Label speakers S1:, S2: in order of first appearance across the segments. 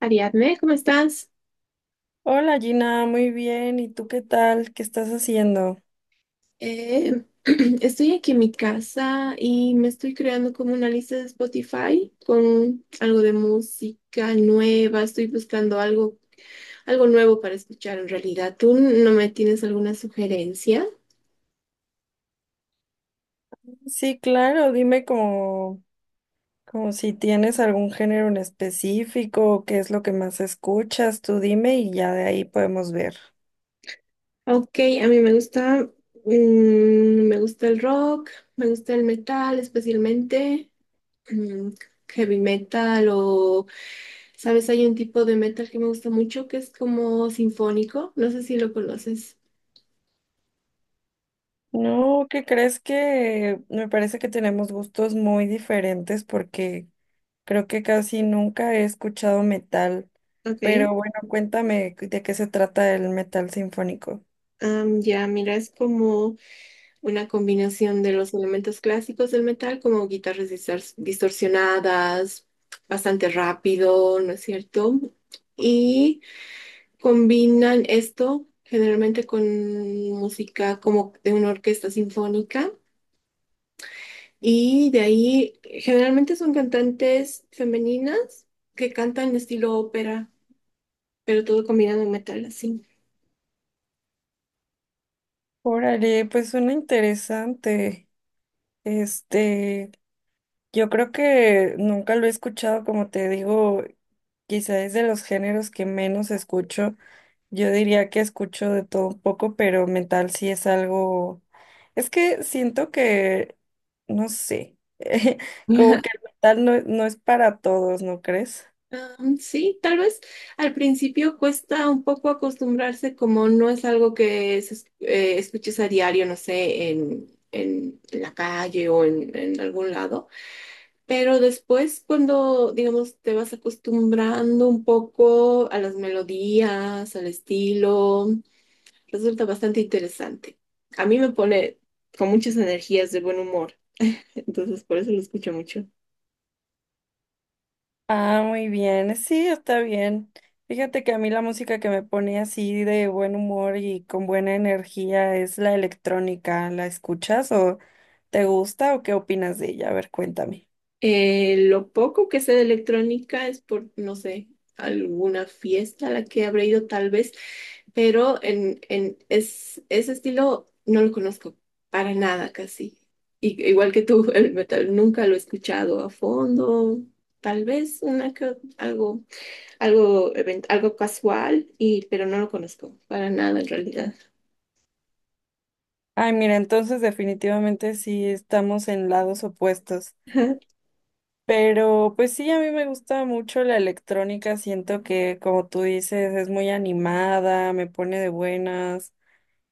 S1: Ariadne, ¿cómo estás?
S2: Hola Gina, muy bien. ¿Y tú qué tal? ¿Qué estás haciendo?
S1: Eh, estoy aquí en mi casa y me estoy creando como una lista de Spotify con algo de música nueva. Estoy buscando algo, algo nuevo para escuchar en realidad. ¿Tú no me tienes alguna sugerencia?
S2: Sí, claro, dime, como si tienes algún género en específico, o qué es lo que más escuchas, tú dime y ya de ahí podemos ver.
S1: Ok, a mí me gusta, mm, me gusta el rock, me gusta el metal, especialmente mm, heavy metal o ¿sabes? Hay un tipo de metal que me gusta mucho que es como sinfónico. No sé si lo conoces.
S2: No, ¿qué crees? Que me parece que tenemos gustos muy diferentes porque creo que casi nunca he escuchado metal,
S1: Ok,
S2: pero bueno, cuéntame de qué se trata el metal sinfónico.
S1: ya, mira, es como, una combinación de los elementos clásicos del metal, como guitarras distorsionadas, bastante rápido, ¿no es cierto? Y combinan esto generalmente con música como de una orquesta sinfónica. Y de ahí generalmente son cantantes femeninas que cantan estilo ópera, pero todo combinado en metal así.
S2: Órale, pues suena interesante. Este, Yo creo que nunca lo he escuchado, como te digo, quizá es de los géneros que menos escucho. Yo diría que escucho de todo un poco, pero metal sí es algo... Es que siento que, no sé, como que el metal no es para todos, ¿no crees?
S1: Sí, tal vez al principio cuesta un poco acostumbrarse, como no es algo que escuches a diario, no sé, en la calle o en algún lado, pero después cuando, digamos, te vas acostumbrando un poco a las melodías, al estilo, resulta bastante interesante. A mí me pone con muchas energías de buen humor, entonces por eso lo escucho mucho.
S2: Ah, muy bien, sí, está bien. Fíjate que a mí la música que me pone así de buen humor y con buena energía es la electrónica. ¿La escuchas o te gusta o qué opinas de ella? A ver, cuéntame.
S1: Lo poco que sé de electrónica es por, no sé, alguna fiesta a la que habré ido tal vez, pero ese estilo no lo conozco para nada casi. Y, igual que tú, el metal nunca lo he escuchado a fondo, tal vez algo, algo casual, pero no lo conozco para nada en realidad.
S2: Ay, mira, entonces definitivamente sí estamos en lados opuestos. Pero pues sí, a mí me gusta mucho la electrónica. Siento que, como tú dices, es muy animada, me pone de buenas.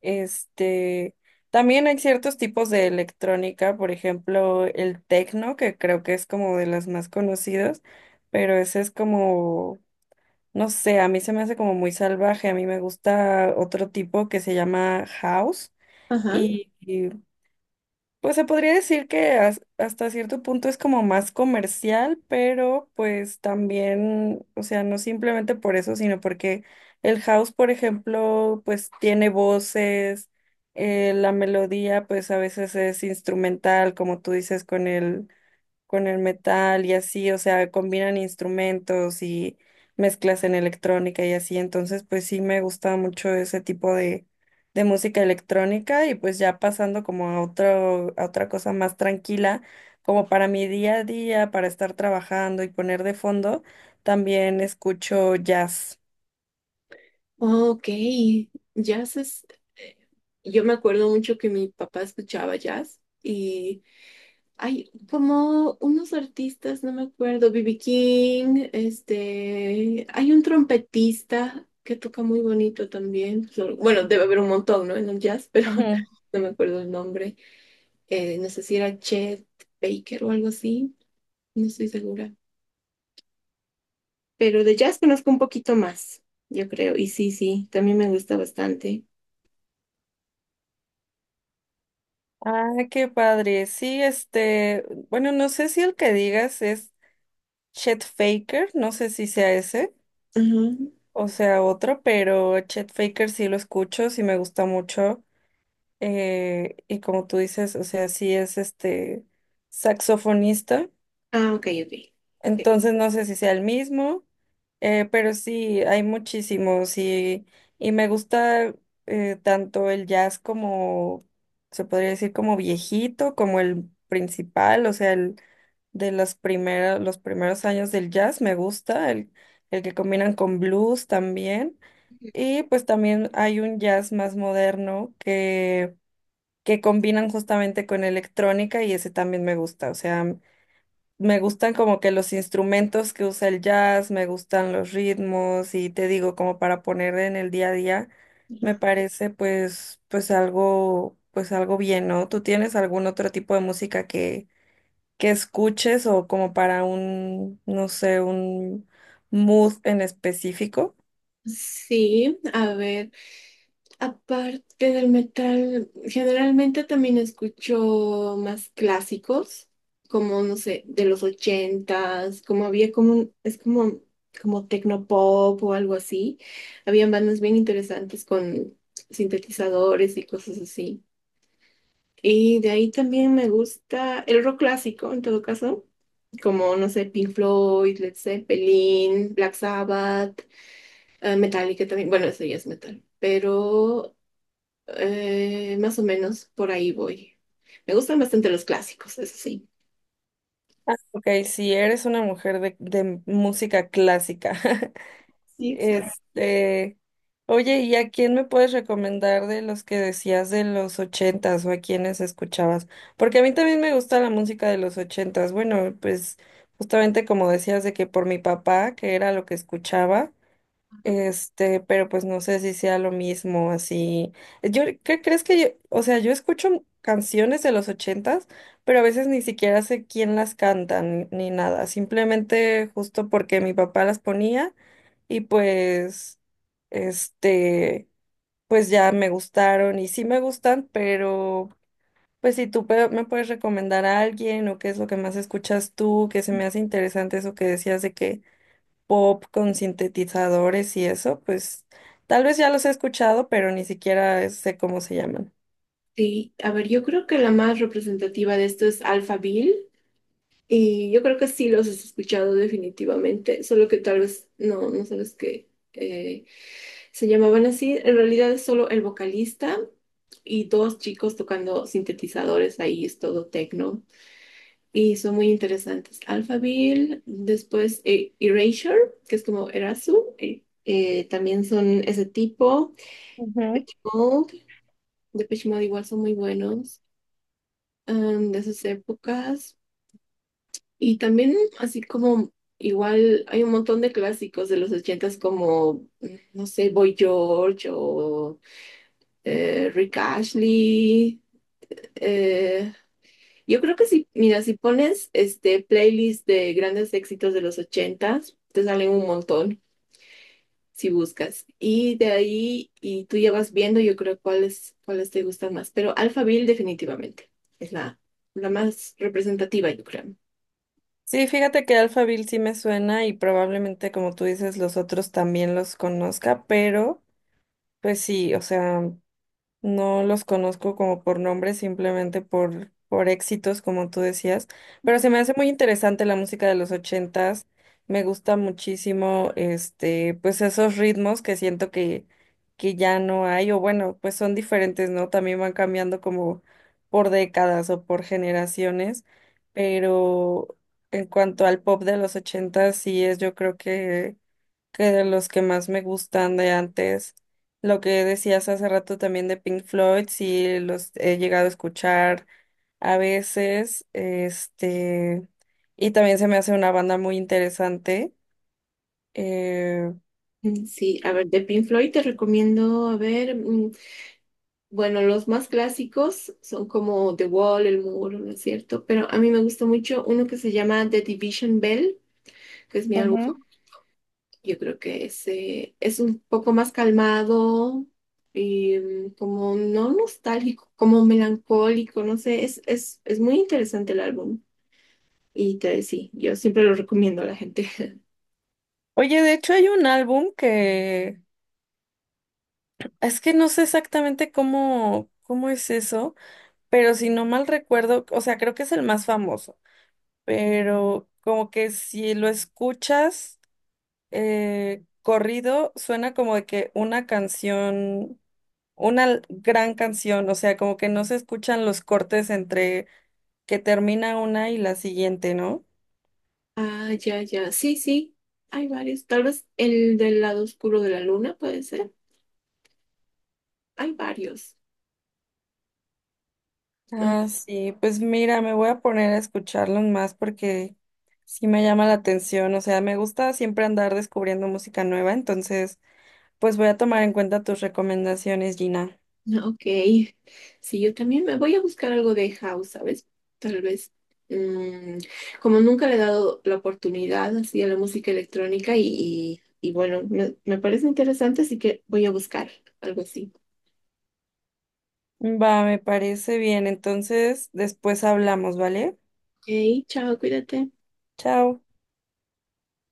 S2: Este, también hay ciertos tipos de electrónica, por ejemplo, el techno, que creo que es como de las más conocidas, pero ese es como, no sé, a mí se me hace como muy salvaje. A mí me gusta otro tipo que se llama house
S1: Ajá.
S2: y, pues se podría decir que hasta cierto punto es como más comercial, pero pues también, o sea, no simplemente por eso, sino porque el house, por ejemplo, pues tiene voces, la melodía pues a veces es instrumental, como tú dices, con el metal y así, o sea, combinan instrumentos y mezclas en electrónica y así. Entonces pues sí me gusta mucho ese tipo de música electrónica, y pues ya pasando como a otro, a otra cosa más tranquila, como para mi día a día, para estar trabajando y poner de fondo, también escucho jazz.
S1: Ok, jazz es... eh, yo me acuerdo mucho que mi papá escuchaba jazz y hay como unos artistas, no me acuerdo, B.B. King, este, hay un trompetista que toca muy bonito también. Solo- Bueno, debe haber un montón, ¿no? En el jazz, pero
S2: Ujú.
S1: no me acuerdo el nombre. No sé si era Chet Baker o algo así, no estoy segura. Pero de jazz conozco un poquito más, yo creo, y sí, sí, también me gusta bastante.
S2: Ah, qué padre. Sí, este, bueno, no sé si el que digas es Chet Faker, no sé si sea ese.
S1: Ujú.
S2: O sea, otro, pero Chet Faker sí lo escucho, sí me gusta mucho. Y como tú dices, o sea, sí es este saxofonista.
S1: Ah, ok, ok.
S2: Entonces no sé si sea el mismo, pero sí, hay muchísimos. Y me gusta tanto el jazz como, se podría decir, como viejito, como el principal, o sea, el de las primeras, los primeros años del jazz me gusta, el que combinan con blues también. Y pues también hay un jazz más moderno que combinan justamente con electrónica y ese también me gusta. O sea, me gustan como que los instrumentos que usa el jazz, me gustan los ritmos y te digo como para poner en el día a día,
S1: Ujú.
S2: me parece pues algo bien, ¿no? ¿Tú tienes algún otro tipo de música que escuches o como para un, no sé, un mood en específico?
S1: Sí, a ver, aparte del metal, generalmente también escucho más clásicos, como, no sé, de los ochentas, como es como, como tecnopop o algo así. Habían bandas bien interesantes con sintetizadores y cosas así. Y de ahí también me gusta el rock clásico, en todo caso, como, no sé, Pink Floyd, Led Zeppelin, Black Sabbath, Metallica también. Bueno, eso ya es metal. Pero más o menos por ahí voy. Me gustan bastante los clásicos, eso sí.
S2: Ah, ok, si eres una mujer de música clásica.
S1: Sí, exacto.
S2: Este, oye, ¿y a quién me puedes recomendar de los que decías de los ochentas, o a quiénes escuchabas? Porque a mí también me gusta la música de los ochentas. Bueno, pues justamente como decías, de que por mi papá, que era lo que escuchaba, este, pero pues no sé si sea lo mismo, así. Yo, ¿qué crees? Que yo, o sea, yo escucho canciones de los ochentas, pero a veces ni siquiera sé quién las canta ni nada. Simplemente justo porque mi papá las ponía y pues, este, pues ya me gustaron y sí me gustan, pero pues si tú me puedes recomendar a alguien, o qué es lo que más escuchas tú, que se me hace interesante eso que decías de que pop con sintetizadores y eso, pues tal vez ya los he escuchado, pero ni siquiera sé cómo se llaman.
S1: Sí, a ver, yo creo que la más representativa de esto es Alphaville. Y yo creo que sí los has escuchado definitivamente. Solo que tal vez no sabes que se llamaban así. En realidad es solo el vocalista y dos chicos tocando sintetizadores ahí, es todo techno. Y son muy interesantes. Alphaville, después Erasure, que es como también son ese tipo.
S2: Ujú.
S1: Mode, Depeche Mode igual son muy buenos, de esas épocas. Y también así como igual hay un montón de clásicos de los ochentas como, no sé, Boy George o Rick Ashley. eh, Yo creo que si, mira, si pones este playlist de grandes éxitos de los ochentas, te salen un montón si buscas. Y de ahí, y tú ya vas viendo, yo creo cuáles te gustan más. Pero Alphaville definitivamente es la más representativa, yo creo.
S2: Sí, fíjate que Alphaville sí me suena y probablemente como tú dices los otros también los conozca, pero pues sí, o sea, no los conozco como por nombre, simplemente por éxitos, como tú decías. Pero se me hace muy interesante la música de los ochentas. Me gusta muchísimo, este, pues esos ritmos, que siento que ya no hay, o bueno, pues son diferentes, ¿no? También van cambiando como por décadas o por generaciones. Pero en cuanto al pop de los ochentas, sí es, yo creo que de los que más me gustan de antes. Lo que decías hace rato también de Pink Floyd, sí los he llegado a escuchar a veces, este, y también se me hace una banda muy interesante. Eh,
S1: Sí, a ver, de Pink Floyd te recomiendo, a ver, bueno, los más clásicos son como The Wall, El Muro, ¿no es cierto? Pero a mí me gusta mucho uno que se llama The Division Bell, que es mi álbum.
S2: ujú.
S1: Yo creo que ese es un poco más calmado y como no nostálgico, como melancólico, no sé, es muy interesante el álbum. Y te, sí, yo siempre lo recomiendo a la gente.
S2: Oye, de hecho hay un álbum que es que no sé exactamente cómo, cómo es eso, pero si no mal recuerdo, o sea, creo que es el más famoso, pero como que si lo escuchas corrido suena como de que una canción, una gran canción, o sea, como que no se escuchan los cortes entre que termina una y la siguiente, ¿no?
S1: Ah, ya, ya, sí, sí, hay varios. Tal vez el del lado oscuro de la luna puede ser. Hay varios.
S2: Ah, sí, pues mira, me voy a poner a escucharlos más porque sí me llama la atención, o sea, me gusta siempre andar descubriendo música nueva, entonces, pues voy a tomar en cuenta tus recomendaciones, Gina.
S1: Ah, ok, sí, yo también me voy a buscar algo de house, ¿sabes? Tal vez, mm, como nunca le he dado la oportunidad así a la música electrónica y bueno, me parece interesante, así que voy a buscar algo así.
S2: Va, me parece bien, entonces después hablamos, ¿vale?
S1: Ok, chao, cuídate.
S2: Chao.